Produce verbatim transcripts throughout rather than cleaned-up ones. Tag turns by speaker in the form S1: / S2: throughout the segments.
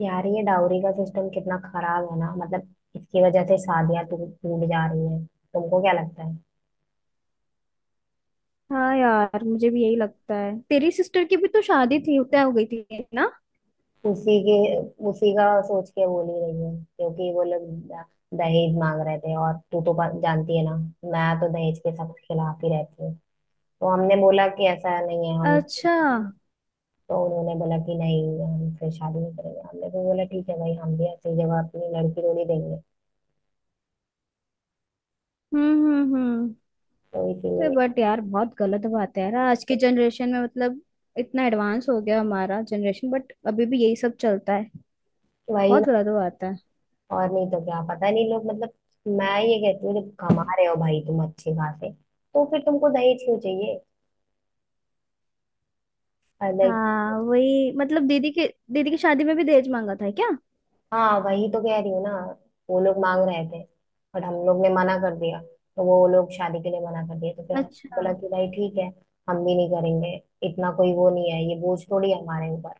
S1: यार ये डाउरी का सिस्टम कितना खराब है ना। मतलब इसकी वजह से शादियां टू- टूट जा रही है। तुमको क्या लगता है?
S2: हाँ यार, मुझे भी यही लगता है। तेरी सिस्टर की भी तो शादी थी, तय हो गई थी ना।
S1: उसी के उसी का सोच के बोल ही रही है, क्योंकि वो लोग द- दहेज मांग रहे थे। और तू तो प- जानती है ना, मैं तो दहेज के सख्त खिलाफ ही रहती हूँ। तो हमने बोला कि ऐसा नहीं है हम।
S2: अच्छा। हम्म।
S1: तो उन्होंने बोला कि नहीं, हम फिर शादी नहीं करेंगे। हमने भी बोला ठीक है भाई, हम भी ऐसी जगह अपनी लड़की को नहीं देंगे।
S2: हम्म। हम्म।
S1: तो
S2: तो
S1: इसीलिए।
S2: बट यार, बहुत गलत बात है यार, आज के जनरेशन में मतलब, इतना एडवांस हो गया हमारा जनरेशन, बट अभी भी यही सब चलता है।
S1: वही।
S2: बहुत गलत बात है।
S1: और नहीं तो क्या, पता नहीं लोग, मतलब, मैं ये कहती हूँ जब कमा रहे हो भाई तुम अच्छे खासे, तो फिर तुमको दहेज क्यों चाहिए? अलग।
S2: हाँ वही, मतलब दीदी के दीदी की शादी में भी दहेज मांगा था क्या?
S1: हाँ वही तो कह रही हूँ ना, वो लोग मांग रहे थे। बट हम लोग ने मना कर दिया, तो वो लोग शादी के लिए मना कर दिया, तो फिर हमने
S2: अच्छा।
S1: बोला कि भाई ठीक है, हम भी नहीं करेंगे। इतना कोई वो नहीं है, ये बोझ थोड़ी है हमारे ऊपर।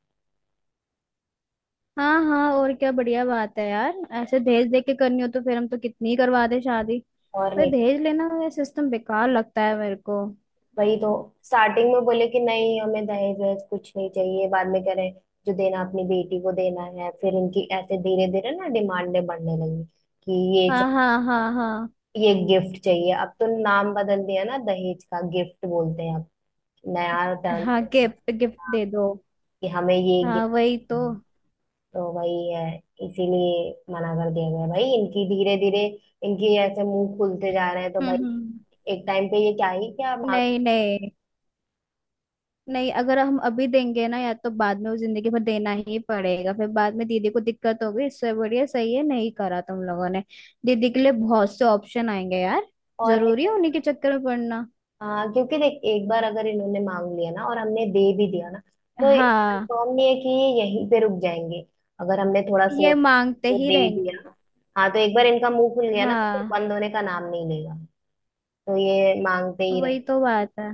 S2: हाँ हाँ, और क्या, बढ़िया बात है यार। ऐसे दहेज दे के करनी हो तो फिर हम तो कितनी ही करवा दे शादी।
S1: और
S2: पर
S1: नहीं।
S2: दहेज लेना, ये सिस्टम बेकार लगता है मेरे को।
S1: वही तो। स्टार्टिंग में बोले कि नहीं, हमें दहेज वहेज कुछ नहीं चाहिए, बाद में कह रहे हैं, जो देना अपनी बेटी को देना है। फिर उनकी ऐसे धीरे धीरे ना डिमांडें बढ़ने लगी कि ये
S2: हाँ
S1: च-
S2: हाँ हाँ हाँ।
S1: ये गिफ्ट चाहिए। अब तो नाम बदल दिया ना, दहेज का गिफ्ट बोलते हैं अब, नया टर्न,
S2: हाँ, गिफ्ट गिफ्ट दे दो।
S1: कि हमें ये
S2: हाँ
S1: गिफ्ट।
S2: वही तो।
S1: तो वही है। इसीलिए मना कर दिया गया भाई, इनकी धीरे धीरे इनकी ऐसे मुंह खुलते जा रहे हैं तो
S2: हम्म
S1: भाई
S2: हम्म।
S1: एक टाइम पे ये क्या ही क्या मांग।
S2: नहीं नहीं नहीं, अगर हम अभी देंगे ना, या तो बाद में वो जिंदगी भर देना ही पड़ेगा, फिर बाद में दीदी को दिक्कत होगी। इससे बढ़िया सही है, नहीं करा तुम लोगों ने। दीदी के लिए बहुत से ऑप्शन आएंगे यार।
S1: और नहीं
S2: जरूरी है
S1: तो।
S2: उन्हीं के चक्कर में पड़ना।
S1: हाँ क्योंकि देख, एक बार अगर इन्होंने मांग लिया ना और हमने दे भी दिया ना, तो
S2: हाँ,
S1: कंफर्म नहीं है कि ये यहीं पे रुक जाएंगे। अगर हमने थोड़ा
S2: ये
S1: सोच के
S2: मांगते
S1: तो
S2: ही
S1: दे
S2: रहेंगे।
S1: दिया। हाँ तो एक बार इनका मुंह खुल गया ना, तो फिर
S2: हाँ
S1: बंद होने का नाम नहीं लेगा। तो ये मांगते ही रहे।
S2: वही तो बात है।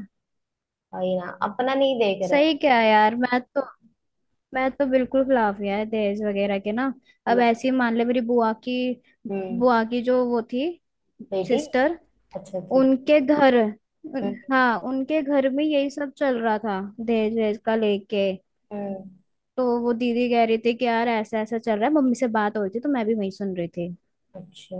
S1: वही ना, अपना नहीं देख रहे हैं।
S2: सही क्या है यार, मैं तो मैं तो बिल्कुल खिलाफ यार दहेज वगैरह के ना। अब
S1: मैं-
S2: ऐसे ही मान ले, मेरी बुआ की
S1: हम्म।
S2: बुआ की जो वो थी,
S1: बेटी।
S2: सिस्टर,
S1: अच्छा ठीक।
S2: उनके घर, उन-
S1: हम्म,
S2: हाँ, उनके घर में यही सब चल रहा था दहेज वहेज का लेके।
S1: हम्म,
S2: तो वो दीदी कह रही थी कि यार ऐसा ऐसा चल रहा है, मम्मी से बात हो रही थी तो मैं भी वही सुन रही थी।
S1: अच्छा।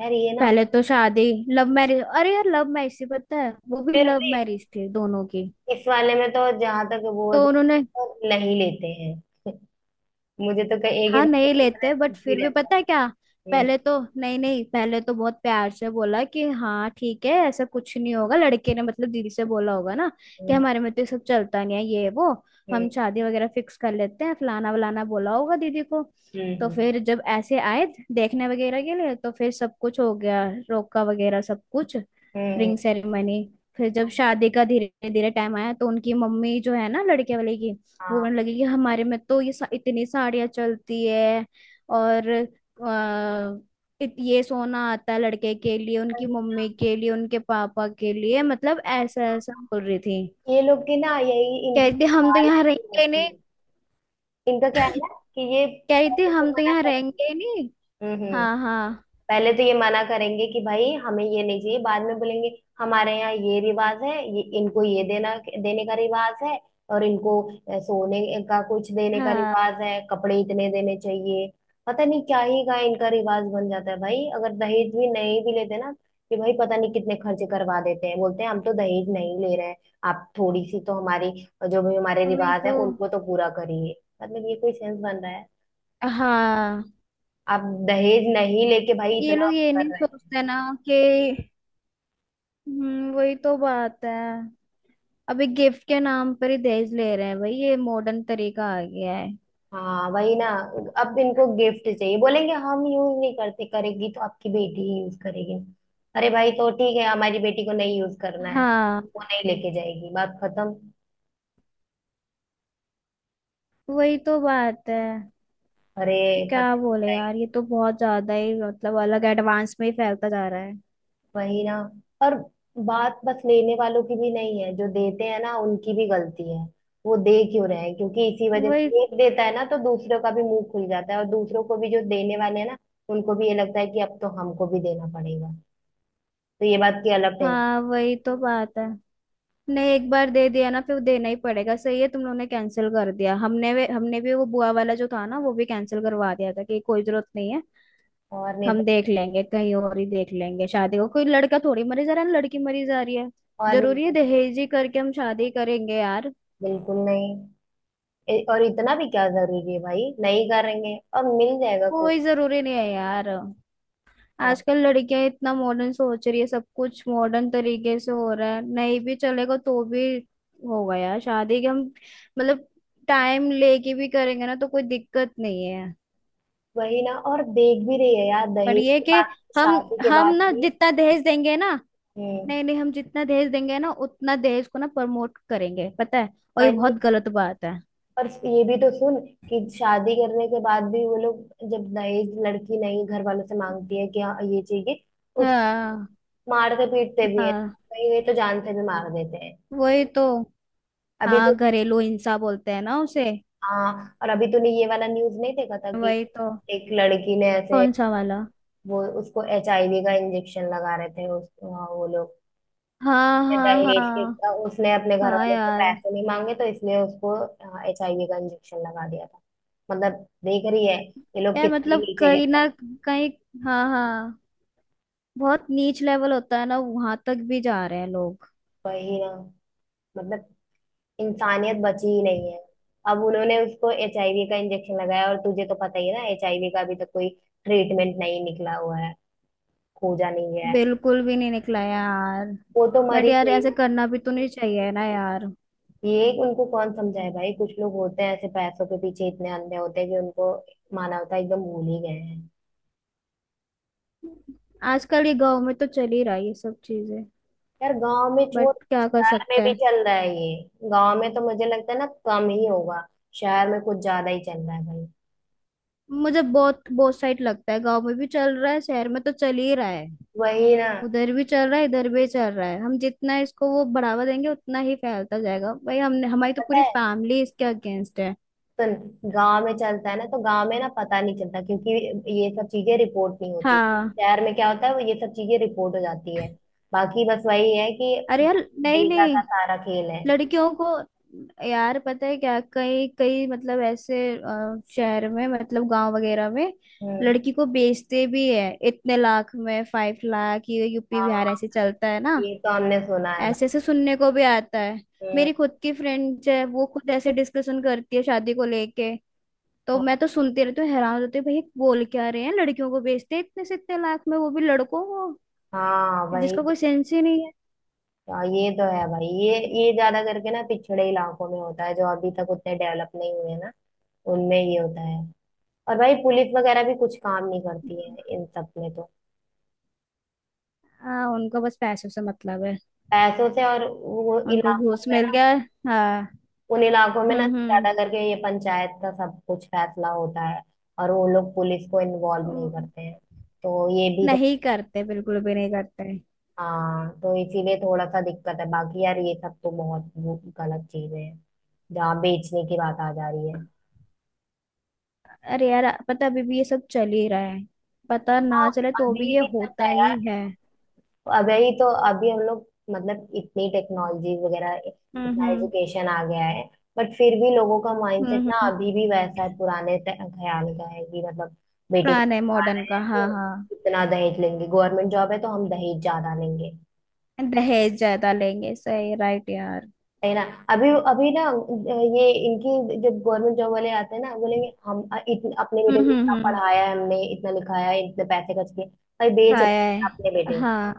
S1: यार ये ना,
S2: पहले तो शादी लव मैरिज, अरे यार, लव मैरिज थी, पता है, वो भी
S1: फिर
S2: लव
S1: भी
S2: मैरिज थी दोनों की।
S1: इस वाले में तो जहां तक वो
S2: तो उन्होंने
S1: तो नहीं लेते हैं। मुझे तो कहीं एक
S2: हाँ, नहीं लेते,
S1: ही
S2: बट फिर
S1: भी
S2: भी
S1: रहता
S2: पता है क्या?
S1: है। हम्म।
S2: पहले तो नहीं नहीं, पहले तो बहुत प्यार से बोला कि हाँ ठीक है, ऐसा कुछ नहीं होगा। लड़के ने मतलब दीदी से बोला होगा ना कि
S1: हम्म,
S2: हमारे में तो ये सब चलता नहीं है, ये वो,
S1: हम्म,
S2: हम शादी वगैरह फिक्स कर लेते हैं, फलाना वलाना बोला होगा दीदी को। तो
S1: हम्म,
S2: फिर जब ऐसे आए देखने वगैरह के लिए, तो फिर सब कुछ हो गया, रोका वगैरह सब कुछ,
S1: हम्म,
S2: रिंग सेरेमनी। फिर जब शादी का धीरे धीरे टाइम आया, तो उनकी मम्मी जो है ना लड़के वाले की, वो कहने
S1: हाँ।
S2: लगे कि हमारे में तो ये सा, इतनी साड़ियाँ चलती है, और अ, इत, ये सोना आता है लड़के के लिए,
S1: पर
S2: उनकी
S1: ना,
S2: मम्मी के लिए, उनके पापा के लिए, मतलब
S1: हाँ,
S2: ऐसा ऐसा
S1: हाँ,
S2: बोल रही थी।
S1: ये लोग की ना यही
S2: कह
S1: इनकी
S2: रही थी हम तो
S1: चाल
S2: यहाँ
S1: ऐसी
S2: रहेंगे ही
S1: रहती
S2: नहीं।
S1: है। इनका क्या है ना कि ये
S2: कह रही थी
S1: पैसे तो
S2: हम तो
S1: मना
S2: यहाँ रहेंगे
S1: करेंगे।
S2: ही नहीं।
S1: हम्म।
S2: हाँ हाँ।
S1: पहले तो ये मना करेंगे कि भाई हमें ये नहीं चाहिए, बाद में बोलेंगे हमारे यहाँ ये रिवाज है, ये इनको ये देना, देने का रिवाज है। और इनको अ, सोने का कुछ देने का
S2: हाँ
S1: रिवाज है, कपड़े इतने देने चाहिए। पता नहीं क्या ही का इनका रिवाज बन जाता है भाई, अगर दहेज भी नहीं भी लेते ना, कि भाई पता नहीं कितने खर्चे करवा देते हैं। बोलते हैं हम तो दहेज नहीं ले रहे हैं, आप थोड़ी सी तो हमारी जो भी हमारे
S2: वही
S1: रिवाज है
S2: तो।
S1: उनको तो पूरा करिए। मतलब ये कोई सेंस बन रहा है?
S2: हाँ,
S1: आप दहेज नहीं लेके भाई
S2: ये
S1: इतना
S2: लोग
S1: आप
S2: ये
S1: कर
S2: नहीं
S1: रहे हैं।
S2: सोचते ना कि हम्म वही तो बात है। अभी गिफ्ट के नाम पर ही दहेज ले रहे हैं भाई, ये मॉडर्न तरीका आ गया है।
S1: हाँ वही ना, अब इनको गिफ्ट चाहिए। बोलेंगे हम यूज नहीं करते, करेगी तो आपकी बेटी ही यूज करेगी। अरे भाई तो ठीक है, हमारी बेटी को नहीं यूज करना है,
S2: हाँ
S1: वो नहीं लेके जाएगी, बात खत्म।
S2: वही तो बात है।
S1: अरे, पता
S2: क्या
S1: नहीं
S2: बोले यार,
S1: जाएगी।
S2: ये तो बहुत ज्यादा ही मतलब अलग एडवांस में ही फैलता जा रहा है।
S1: वही ना। और बात बस लेने वालों की भी नहीं है, जो देते हैं ना उनकी भी गलती है। वो दे क्यों रहे हैं? क्योंकि इसी वजह
S2: वही।
S1: से एक देता है ना तो दूसरों का भी मुंह खुल जाता है, और दूसरों को भी जो देने वाले हैं ना, उनको भी ये लगता है कि अब तो हमको भी देना पड़ेगा। तो ये बात की अलग टेंशन।
S2: हाँ वही तो बात है। नहीं, एक बार दे दिया ना फिर देना ही पड़ेगा, सही है तुम लोगों ने कैंसिल कर दिया, हमने भी हमने भी वो बुआ वाला जो था ना, वो भी कैंसिल करवा दिया था कि कोई जरूरत नहीं है।
S1: और नहीं तो।
S2: हम देख लेंगे, कहीं और ही देख लेंगे शादी को, कोई लड़का थोड़ी मरी जा रहा है ना, लड़की मरी जा रही है।
S1: और नहीं
S2: जरूरी है
S1: तो क्या?
S2: दहेज ही करके हम शादी करेंगे यार?
S1: बिल्कुल नहीं। ए- और इतना भी क्या जरूरी है भाई, नहीं करेंगे और मिल जाएगा
S2: कोई
S1: कोई
S2: जरूरी नहीं है यार।
S1: इंसान।
S2: आजकल लड़कियां इतना मॉडर्न सोच रही है, सब कुछ मॉडर्न तरीके से हो रहा है, नहीं भी चलेगा तो भी होगा यार। शादी के हम, मतलब टाइम लेके भी करेंगे ना तो कोई दिक्कत नहीं है।
S1: वही ना। और देख भी रही है यार,
S2: पर
S1: दहेज
S2: ये
S1: के
S2: कि
S1: बाद,
S2: हम
S1: शादी के
S2: हम
S1: बाद
S2: ना
S1: भी।
S2: जितना दहेज देंगे ना
S1: हम्म।
S2: नहीं नहीं, हम जितना दहेज देंगे ना उतना दहेज को ना प्रमोट करेंगे, पता है, और ये
S1: वही।
S2: बहुत गलत बात है।
S1: और ये भी तो सुन कि शादी करने के बाद भी वो लोग, जब दहेज लड़की नहीं घर वालों से मांगती है कि हाँ ये चाहिए, उसको
S2: हाँ
S1: मारते पीटते भी है,
S2: हाँ
S1: कहीं कहीं तो जान से भी मार देते हैं।
S2: वही तो।
S1: अभी तो।
S2: हाँ, घरेलू हिंसा बोलते हैं ना उसे।
S1: हाँ। और अभी तूने ये वाला न्यूज नहीं देखा था कि
S2: वही तो।
S1: एक लड़की ने ऐसे,
S2: कौन सा वाला?
S1: वो उसको एचआईवी का इंजेक्शन लगा रहे थे उस हाँ, वो लोग
S2: हाँ
S1: ये
S2: हाँ
S1: दहेज के,
S2: हाँ
S1: उसने अपने घर
S2: हाँ
S1: वाले से
S2: यार।
S1: पैसे नहीं मांगे तो इसलिए उसको एचआईवी का इंजेक्शन लगा दिया था। मतलब देख रही है ये लोग
S2: यार
S1: कितनी
S2: मतलब,
S1: नीचे गिर।
S2: कहीं ना कहीं, हाँ हाँ, बहुत नीच लेवल होता है ना, वहां तक भी जा रहे हैं लोग।
S1: वही ना। मतलब इंसानियत बची ही नहीं है। अब उन्होंने उसको एचआईवी का इंजेक्शन लगाया, और तुझे तो पता ही है ना एचआईवी का अभी तक कोई ट्रीटमेंट नहीं निकला हुआ है, खोजा नहीं गया है।
S2: बिल्कुल भी नहीं निकला यार।
S1: वो तो मर
S2: बट
S1: ही
S2: यार
S1: गई।
S2: ऐसे करना भी तो नहीं चाहिए ना यार।
S1: ये उनको कौन समझाए भाई, कुछ लोग होते हैं ऐसे पैसों के पीछे इतने अंधे होते हैं कि उनको मानवता एकदम भूल ही गए हैं।
S2: आजकल ये गांव में तो चल ही रहा है ये सब चीजें।
S1: यार गांव में
S2: बट
S1: छोड़,
S2: क्या कर
S1: शहर में
S2: सकते
S1: भी
S2: हैं।
S1: चल रहा है ये। गांव में तो मुझे लगता है ना कम ही होगा, शहर में कुछ ज्यादा ही चल रहा है भाई।
S2: मुझे बहुत बहुत साइड लगता है, गांव में भी चल रहा है, शहर में तो चल ही रहा है,
S1: वही ना।
S2: उधर भी चल रहा है, इधर भी चल रहा है। हम जितना इसको वो बढ़ावा देंगे उतना ही फैलता जाएगा भाई। हमने, हमारी तो
S1: पता
S2: पूरी
S1: है,
S2: फैमिली इसके अगेंस्ट है।
S1: सुन, गांव में चलता है ना तो गांव में ना पता नहीं चलता, क्योंकि ये सब चीजें रिपोर्ट नहीं होती।
S2: हाँ।
S1: शहर में क्या होता है, वो ये सब चीजें रिपोर्ट हो जाती है। बाकी बस वही है कि
S2: अरे यार, नहीं
S1: डेटा
S2: नहीं,
S1: का सारा खेल है।
S2: लड़कियों को, यार पता है क्या, कई कई, मतलब ऐसे अ, शहर में, मतलब गांव वगैरह में
S1: हम्म।
S2: लड़की को बेचते भी है, इतने लाख में, फाइव लाख, ये यूपी
S1: हाँ
S2: बिहार ऐसे चलता है ना।
S1: ये तो हमने सुना है
S2: ऐसे ऐसे सुनने को भी आता है।
S1: भाई।
S2: मेरी खुद की फ्रेंड्स है, वो खुद ऐसे डिस्कशन करती है शादी को लेके। तो
S1: और।
S2: मैं तो सुनती रहती हूँ, हैरान होती हूँ भाई, ये बोल क्या रहे हैं, लड़कियों को बेचते हैं इतने से इतने लाख में, वो भी लड़कों को,
S1: हाँ वही।
S2: जिसका कोई सेंस ही नहीं है।
S1: हाँ, ये तो है भाई, ये ये ज्यादा करके ना पिछड़े इलाकों में होता है, जो अभी तक उतने डेवलप नहीं हुए ना, उनमें ये होता है। और भाई पुलिस वगैरह भी कुछ काम नहीं करती है इन सब में तो।
S2: हाँ, उनको बस पैसों से मतलब है।
S1: पैसों से। और वो
S2: उनको
S1: इलाकों
S2: घूस
S1: में
S2: मिल
S1: ना,
S2: गया। हाँ।
S1: उन इलाकों में ना
S2: हम्म हम्म।
S1: ज्यादा करके ये पंचायत का सब कुछ फैसला होता है, और वो लोग पुलिस को इन्वॉल्व नहीं
S2: ओ।
S1: करते हैं। तो ये भी तो।
S2: नहीं करते, बिल्कुल भी नहीं करते।
S1: हाँ तो इसीलिए थोड़ा सा दिक्कत है। बाकी यार ये सब तो बहुत वो गलत चीजें हैं, जहाँ बेचने की बात आ जा रही है।
S2: अरे यार, पता, अभी भी ये सब चल ही रहा है। पता
S1: हाँ,
S2: ना चले तो भी
S1: अभी
S2: ये
S1: भी चल
S2: होता
S1: रहा है यार।
S2: ही है।
S1: वही तो। अभी हम लोग, मतलब इतनी टेक्नोलॉजी वगैरह,
S2: हम्म
S1: इतना
S2: हम्म
S1: एजुकेशन आ गया है, बट फिर भी लोगों का माइंडसेट
S2: हम्म
S1: ना
S2: हम्म।
S1: अभी भी वैसा है, पुराने ते- ख्याल का है कि, मतलब बेटे
S2: पुराने
S1: को पढ़ा
S2: मॉडर्न
S1: रहे
S2: का,
S1: हैं
S2: हाँ
S1: तो
S2: हाँ।
S1: इतना दहेज लेंगे, गवर्नमेंट जॉब है तो हम दहेज ज्यादा लेंगे।
S2: दहेज ज्यादा लेंगे, सही राइट यार।
S1: है ना। अभी अभी ना, ये इनकी जो गवर्नमेंट जॉब वाले आते हैं ना, बोलेंगे हम इतने अपने
S2: हम्म
S1: बेटे को
S2: हम्म
S1: इतना
S2: हम्म।
S1: पढ़ाया है हमने, इतना लिखाया है, इतने पैसे खर्च किए। भाई बेच रहे
S2: खाया है,
S1: हैं अपने बेटे,
S2: हाँ।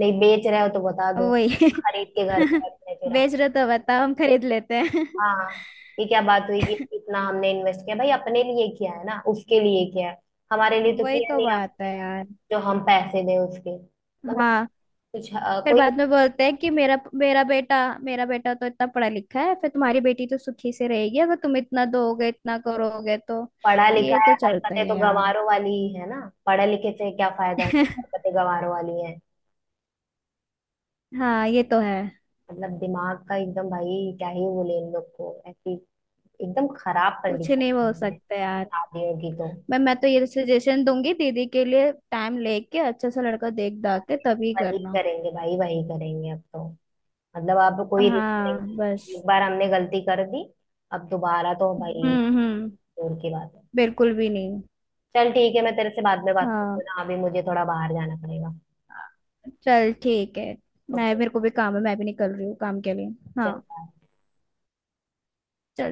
S1: नहीं बेच रहे हो तो बता दो,
S2: वही।
S1: खरीद के घर पे रख रहे फिर हम।
S2: बेच रहे तो बताओ, हम खरीद लेते हैं।
S1: हाँ हाँ, ये क्या बात हुई कि इतना हमने इन्वेस्ट किया भाई, अपने लिए किया है ना उसके लिए किया है, हमारे लिए तो
S2: वही
S1: किया
S2: तो
S1: नहीं
S2: बात
S1: आपने,
S2: है यार।
S1: जो हम पैसे दें उसके मतलब
S2: हाँ।
S1: कुछ अ,
S2: फिर
S1: कोई।
S2: बाद में बोलते हैं कि मेरा मेरा बेटा मेरा बेटा तो इतना पढ़ा लिखा है, फिर तुम्हारी बेटी तो सुखी से रहेगी अगर तुम इतना दोगे इतना करोगे तो।
S1: पढ़ा लिखा
S2: ये
S1: है,
S2: तो चलता ही
S1: हरकतें तो
S2: है यार।
S1: गंवारों वाली ही है ना। पढ़े लिखे से क्या फायदा है जब हरकतें गंवारों वाली है।
S2: हाँ ये तो है।
S1: मतलब दिमाग का एकदम, भाई क्या ही बोले इन लोग को, ऐसी एकदम खराब
S2: कुछ नहीं
S1: कंडीशन
S2: बोल
S1: है
S2: सकते यार।
S1: शादियों की तो।
S2: मैं मैं तो ये सजेशन दूंगी दीदी के लिए, टाइम लेके अच्छा सा लड़का देख दाख के तभी
S1: वही
S2: करना।
S1: करेंगे भाई, वही करेंगे अब तो। मतलब अब कोई रिस्क
S2: हाँ
S1: नहीं,
S2: बस।
S1: एक बार हमने गलती कर दी, अब दोबारा तो भाई
S2: हम्म हम्म।
S1: दूर की बात है।
S2: बिल्कुल भी नहीं।
S1: चल ठीक है, मैं तेरे से बाद में बात
S2: हाँ
S1: करती हूँ ना, अभी मुझे थोड़ा बाहर जाना पड़ेगा।
S2: चल ठीक है। मैं,
S1: ओके।
S2: मेरे को भी काम है, मैं भी निकल रही हूँ काम के लिए। हाँ
S1: चल bye.
S2: चल।